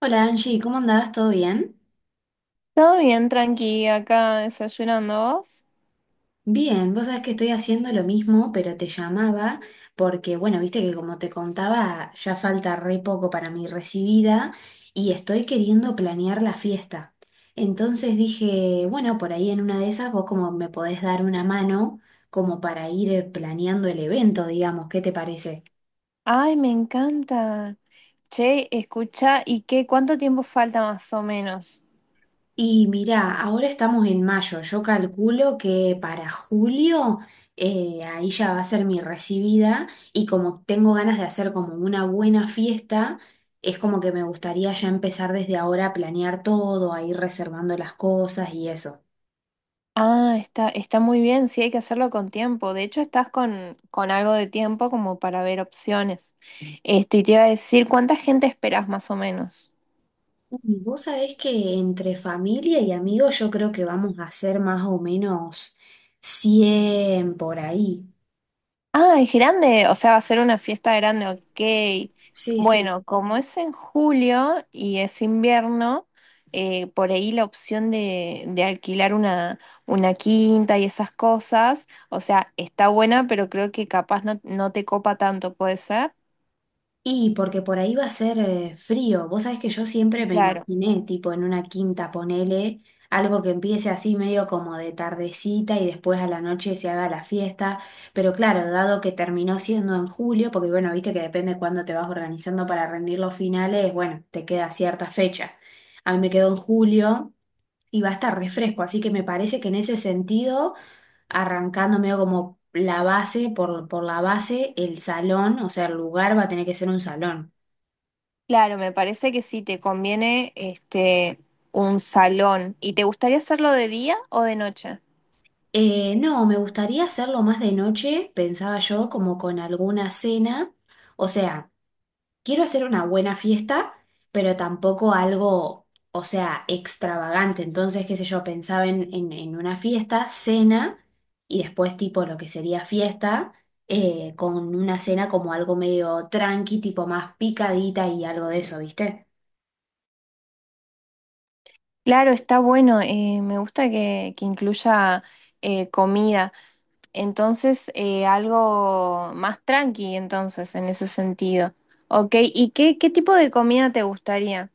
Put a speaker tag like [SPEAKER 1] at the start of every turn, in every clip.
[SPEAKER 1] Hola Angie, ¿cómo andás? ¿Todo bien?
[SPEAKER 2] Todo bien, tranqui, acá desayunando vos.
[SPEAKER 1] Bien, vos sabés que estoy haciendo lo mismo, pero te llamaba porque, bueno, viste que como te contaba, ya falta re poco para mi recibida y estoy queriendo planear la fiesta. Entonces dije, bueno, por ahí en una de esas vos como me podés dar una mano como para ir planeando el evento, digamos, ¿qué te parece?
[SPEAKER 2] Ay, me encanta. Che, escucha, ¿y qué? ¿Cuánto tiempo falta más o menos?
[SPEAKER 1] Y mirá, ahora estamos en mayo. Yo calculo que para julio ahí ya va a ser mi recibida y como tengo ganas de hacer como una buena fiesta, es como que me gustaría ya empezar desde ahora a planear todo, a ir reservando las cosas y eso.
[SPEAKER 2] Ah, está muy bien, sí, hay que hacerlo con tiempo. De hecho, estás con algo de tiempo como para ver opciones. Este, y te iba a decir, ¿cuánta gente esperás más o menos?
[SPEAKER 1] Y vos sabés que entre familia y amigos yo creo que vamos a hacer más o menos 100 por ahí.
[SPEAKER 2] Ah, es grande, o sea, va a ser una fiesta grande, ok.
[SPEAKER 1] Sí, sí.
[SPEAKER 2] Bueno, como es en julio y es invierno, por ahí la opción de alquilar una quinta y esas cosas, o sea, está buena, pero creo que capaz no, no te copa tanto, ¿puede ser?
[SPEAKER 1] Y porque por ahí va a ser frío. Vos sabés que yo siempre me
[SPEAKER 2] Claro,
[SPEAKER 1] imaginé, tipo en una quinta, ponele, algo que empiece así medio como de tardecita y después a la noche se haga la fiesta. Pero claro, dado que terminó siendo en julio, porque bueno, viste que depende cuándo te vas organizando para rendir los finales, bueno, te queda cierta fecha. A mí me quedó en julio y va a estar refresco. Así que me parece que en ese sentido, arrancando medio como la base, por la base, el salón, o sea, el lugar va a tener que ser un salón.
[SPEAKER 2] claro, me parece que sí, te conviene este, un salón. ¿Y te gustaría hacerlo de día o de noche?
[SPEAKER 1] No, me gustaría hacerlo más de noche, pensaba yo, como con alguna cena. O sea, quiero hacer una buena fiesta, pero tampoco algo, o sea, extravagante. Entonces, qué sé yo, pensaba en una fiesta, cena, y después tipo lo que sería fiesta, con una cena como algo medio tranqui, tipo más picadita y algo de eso, ¿viste?
[SPEAKER 2] Claro, está bueno, me gusta que incluya comida. Entonces, algo más tranqui, entonces, en ese sentido. Ok, ¿y qué, qué tipo de comida te gustaría?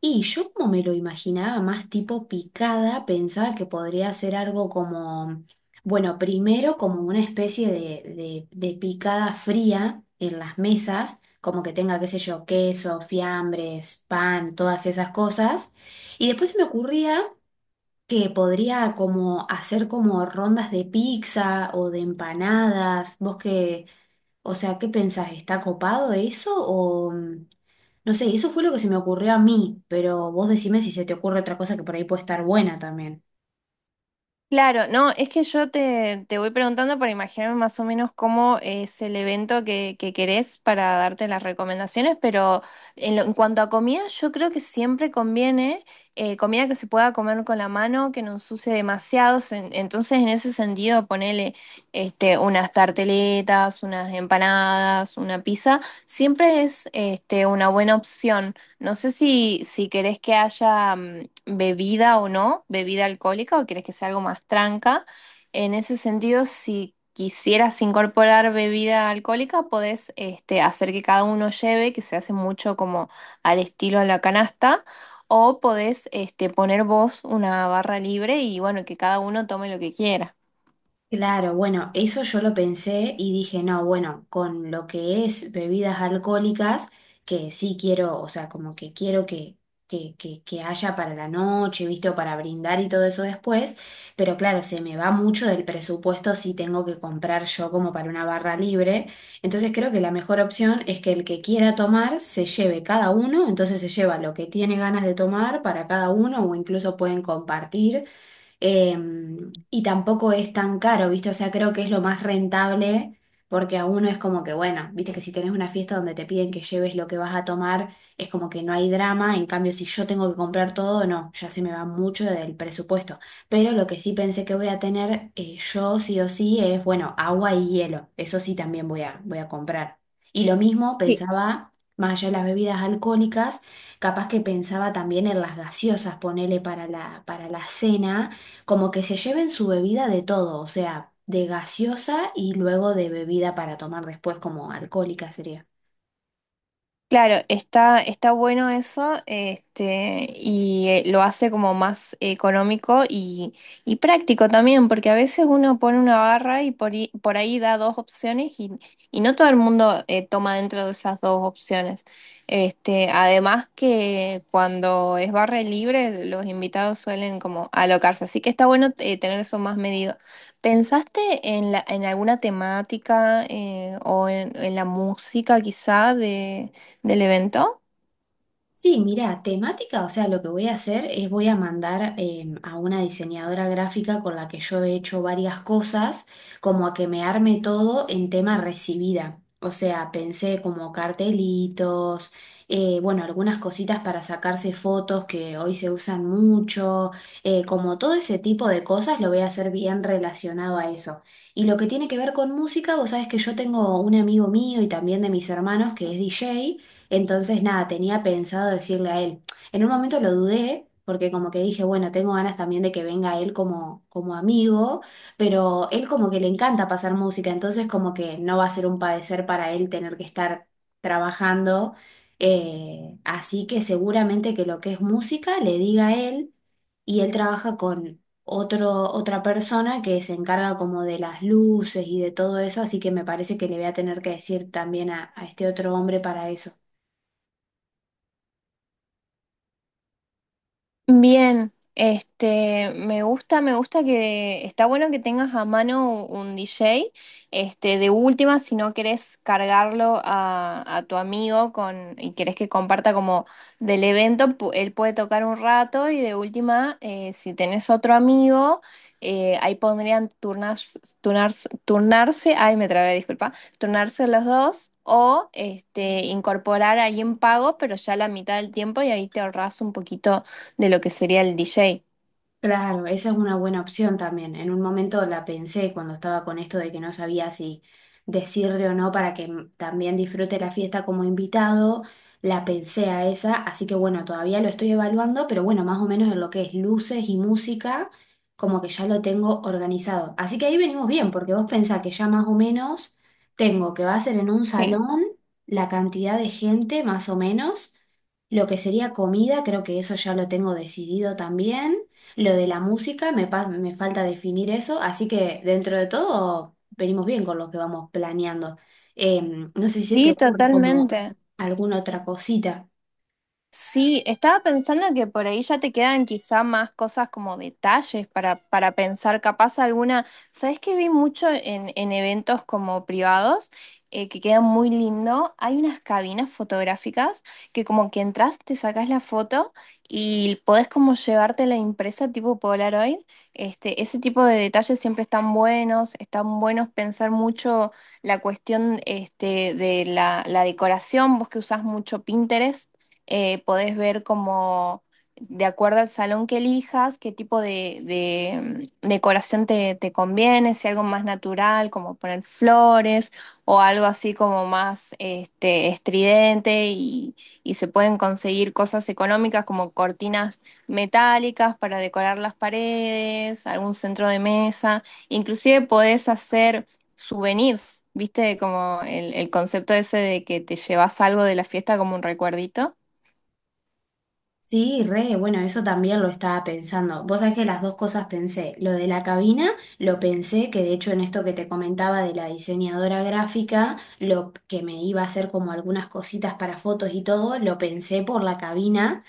[SPEAKER 1] Y yo como me lo imaginaba más tipo picada, pensaba que podría ser algo como, bueno, primero como una especie de picada fría en las mesas, como que tenga, qué sé yo, queso, fiambres, pan, todas esas cosas. Y después se me ocurría que podría como hacer como rondas de pizza o de empanadas. ¿Vos qué, o sea, ¿qué pensás? ¿Está copado eso? O no sé, eso fue lo que se me ocurrió a mí, pero vos decime si se te ocurre otra cosa que por ahí puede estar buena también.
[SPEAKER 2] Claro, no, es que yo te, te voy preguntando para imaginarme más o menos cómo es el evento que querés para darte las recomendaciones, pero en, en cuanto a comida, yo creo que siempre conviene comida que se pueda comer con la mano, que no ensucie demasiado. Entonces, en ese sentido, ponele este, unas tarteletas, unas empanadas, una pizza, siempre es este, una buena opción. No sé si, si querés que haya bebida o no, bebida alcohólica, o querés que sea algo más tranca. En ese sentido, si quisieras incorporar bebida alcohólica, podés este, hacer que cada uno lleve, que se hace mucho como al estilo a la canasta, o podés este, poner vos una barra libre y bueno, que cada uno tome lo que quiera.
[SPEAKER 1] Claro, bueno, eso yo lo pensé y dije, no, bueno, con lo que es bebidas alcohólicas, que sí quiero, o sea, como que quiero que, que haya para la noche, ¿viste? O para brindar y todo eso después, pero claro, se me va mucho del presupuesto si tengo que comprar yo como para una barra libre. Entonces creo que la mejor opción es que el que quiera tomar se lleve cada uno, entonces se lleva lo que tiene ganas de tomar para cada uno o incluso pueden compartir eh, y tampoco es tan caro, ¿viste? O sea, creo que es lo más rentable porque a uno es como que, bueno, viste que si tenés una fiesta donde te piden que lleves lo que vas a tomar, es como que no hay drama, en cambio si yo tengo que comprar todo, no, ya se me va mucho del presupuesto. Pero lo que sí pensé que voy a tener yo sí o sí es, bueno, agua y hielo, eso sí también voy a, voy a comprar. Y lo mismo pensaba, más allá de las bebidas alcohólicas, capaz que pensaba también en las gaseosas, ponele para la cena como que se lleven su bebida de todo, o sea, de gaseosa y luego de bebida para tomar después como alcohólica sería.
[SPEAKER 2] Claro, está bueno eso, este, y lo hace como más económico y práctico también, porque a veces uno pone una barra y por ahí da dos opciones y no todo el mundo toma dentro de esas dos opciones. Este, además que cuando es barra libre, los invitados suelen como alocarse, así que está bueno tener eso más medido. ¿Pensaste en la, en alguna temática o en la música quizá de del evento?
[SPEAKER 1] Sí, mira, temática, o sea, lo que voy a hacer es voy a mandar a una diseñadora gráfica con la que yo he hecho varias cosas, como a que me arme todo en tema recibida. O sea, pensé como cartelitos, bueno, algunas cositas para sacarse fotos que hoy se usan mucho, como todo ese tipo de cosas lo voy a hacer bien relacionado a eso. Y lo que tiene que ver con música, vos sabés que yo tengo un amigo mío y también de mis hermanos que es DJ. Entonces, nada, tenía pensado decirle a él. En un momento lo dudé, porque como que dije, bueno, tengo ganas también de que venga él como, como amigo, pero él como que le encanta pasar música, entonces como que no va a ser un padecer para él tener que estar trabajando. Así que seguramente que lo que es música le diga a él y él trabaja con otra persona que se encarga como de las luces y de todo eso, así que me parece que le voy a tener que decir también a este otro hombre para eso.
[SPEAKER 2] Bien, este, me gusta que está bueno que tengas a mano un DJ, este, de última, si no querés cargarlo a tu amigo con, y querés que comparta como del evento, él puede tocar un rato y de última, si tenés otro amigo, ahí pondrían turnarse, ay, me trabé, disculpa, turnarse los dos. O este, incorporar ahí en pago, pero ya la mitad del tiempo y ahí te ahorras un poquito de lo que sería el DJ.
[SPEAKER 1] Claro, esa es una buena opción también. En un momento la pensé cuando estaba con esto de que no sabía si decirle o no para que también disfrute la fiesta como invitado. La pensé a esa, así que bueno, todavía lo estoy evaluando, pero bueno, más o menos en lo que es luces y música, como que ya lo tengo organizado. Así que ahí venimos bien, porque vos pensás que ya más o menos tengo que va a ser en un
[SPEAKER 2] Sí.
[SPEAKER 1] salón la cantidad de gente, más o menos. Lo que sería comida, creo que eso ya lo tengo decidido también. Lo de la música, me falta definir eso, así que dentro de todo venimos bien con lo que vamos planeando. No sé si se te
[SPEAKER 2] Sí,
[SPEAKER 1] ocurre como
[SPEAKER 2] totalmente.
[SPEAKER 1] alguna otra cosita.
[SPEAKER 2] Sí, estaba pensando que por ahí ya te quedan quizá más cosas como detalles para pensar, capaz alguna, ¿sabes qué vi mucho en eventos como privados? Que quedan muy lindo. Hay unas cabinas fotográficas que como que entras, te sacas la foto y podés como llevarte la impresa tipo Polaroid. Este, ese tipo de detalles siempre están buenos pensar mucho la cuestión este, de la, la decoración, vos que usás mucho Pinterest podés ver como, de acuerdo al salón que elijas, qué tipo de, decoración te, te conviene, si algo más natural, como poner flores, o algo así como más este, estridente, y se pueden conseguir cosas económicas como cortinas metálicas para decorar las paredes, algún centro de mesa, inclusive podés hacer souvenirs, ¿viste? Como el concepto ese de que te llevas algo de la fiesta como un recuerdito.
[SPEAKER 1] Sí, re, bueno, eso también lo estaba pensando. Vos sabés que las dos cosas pensé. Lo de la cabina, lo pensé, que de hecho en esto que te comentaba de la diseñadora gráfica, lo que me iba a hacer como algunas cositas para fotos y todo, lo pensé por la cabina.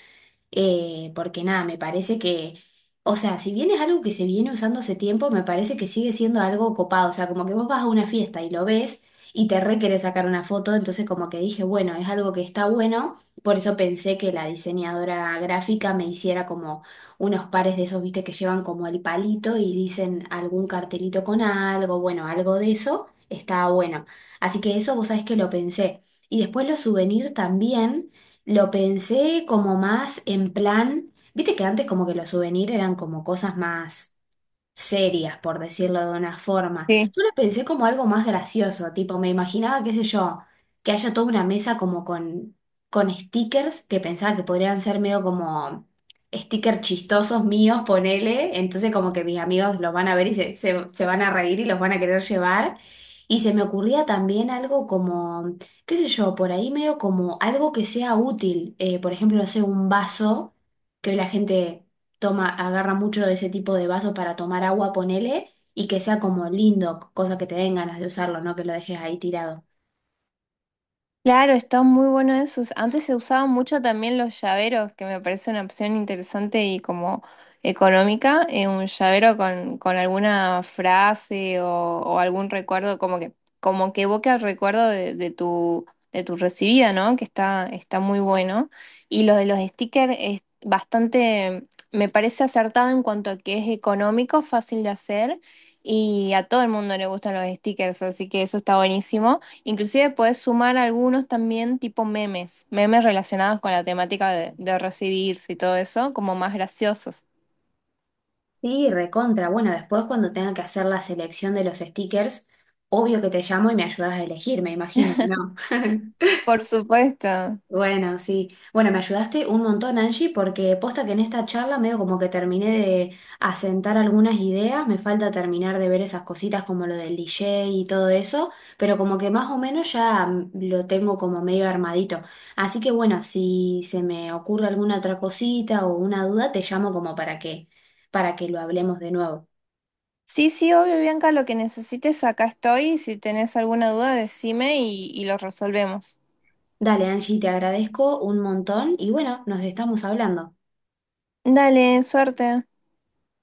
[SPEAKER 1] Porque nada, me parece que, o sea, si bien es algo que se viene usando hace tiempo, me parece que sigue siendo algo copado, o sea, como que vos vas a una fiesta y lo ves y te re querés sacar una foto, entonces como que dije, bueno, es algo que está bueno, por eso pensé que la diseñadora gráfica me hiciera como unos pares de esos, viste, que llevan como el palito y dicen algún cartelito con algo, bueno, algo de eso, está bueno. Así que eso vos sabés que lo pensé. Y después los souvenirs también. Lo pensé como más en plan, viste que antes como que los souvenirs eran como cosas más serias, por decirlo de una forma.
[SPEAKER 2] Sí,
[SPEAKER 1] Yo lo pensé como algo más gracioso, tipo, me imaginaba, qué sé yo, que haya toda una mesa como con stickers que pensaba que podrían ser medio como stickers chistosos míos, ponele, entonces como que mis amigos los van a ver y se van a reír y los van a querer llevar. Y se me ocurría también algo como, qué sé yo, por ahí medio como algo que sea útil, por ejemplo, no sé, un vaso que hoy la gente toma, agarra mucho de ese tipo de vaso para tomar agua, ponele, y que sea como lindo, cosa que te den ganas de usarlo, no que lo dejes ahí tirado.
[SPEAKER 2] claro, están muy buenos esos. Antes se usaban mucho también los llaveros, que me parece una opción interesante y como económica, un llavero con alguna frase o algún recuerdo, como que evoca el recuerdo de tu recibida, ¿no? Que está muy bueno. Y lo de los stickers es bastante, me parece acertado en cuanto a que es económico, fácil de hacer. Y a todo el mundo le gustan los stickers, así que eso está buenísimo. Inclusive puedes sumar algunos también tipo memes, memes relacionados con la temática de recibirse y todo eso, como más graciosos.
[SPEAKER 1] Sí, recontra. Bueno, después cuando tenga que hacer la selección de los stickers, obvio que te llamo y me ayudas a elegir, me imagino, ¿no?
[SPEAKER 2] Por supuesto.
[SPEAKER 1] Bueno, sí. Bueno, me ayudaste un montón, Angie, porque posta que en esta charla medio como que terminé de asentar algunas ideas, me falta terminar de ver esas cositas como lo del DJ y todo eso, pero como que más o menos ya lo tengo como medio armadito. Así que bueno, si se me ocurre alguna otra cosita o una duda, te llamo como para que lo hablemos de nuevo.
[SPEAKER 2] Sí, sí, obvio, Bianca, lo que necesites, acá estoy. Si tenés alguna duda, decime y lo resolvemos.
[SPEAKER 1] Dale, Angie, te agradezco un montón y bueno, nos estamos hablando.
[SPEAKER 2] Dale, suerte.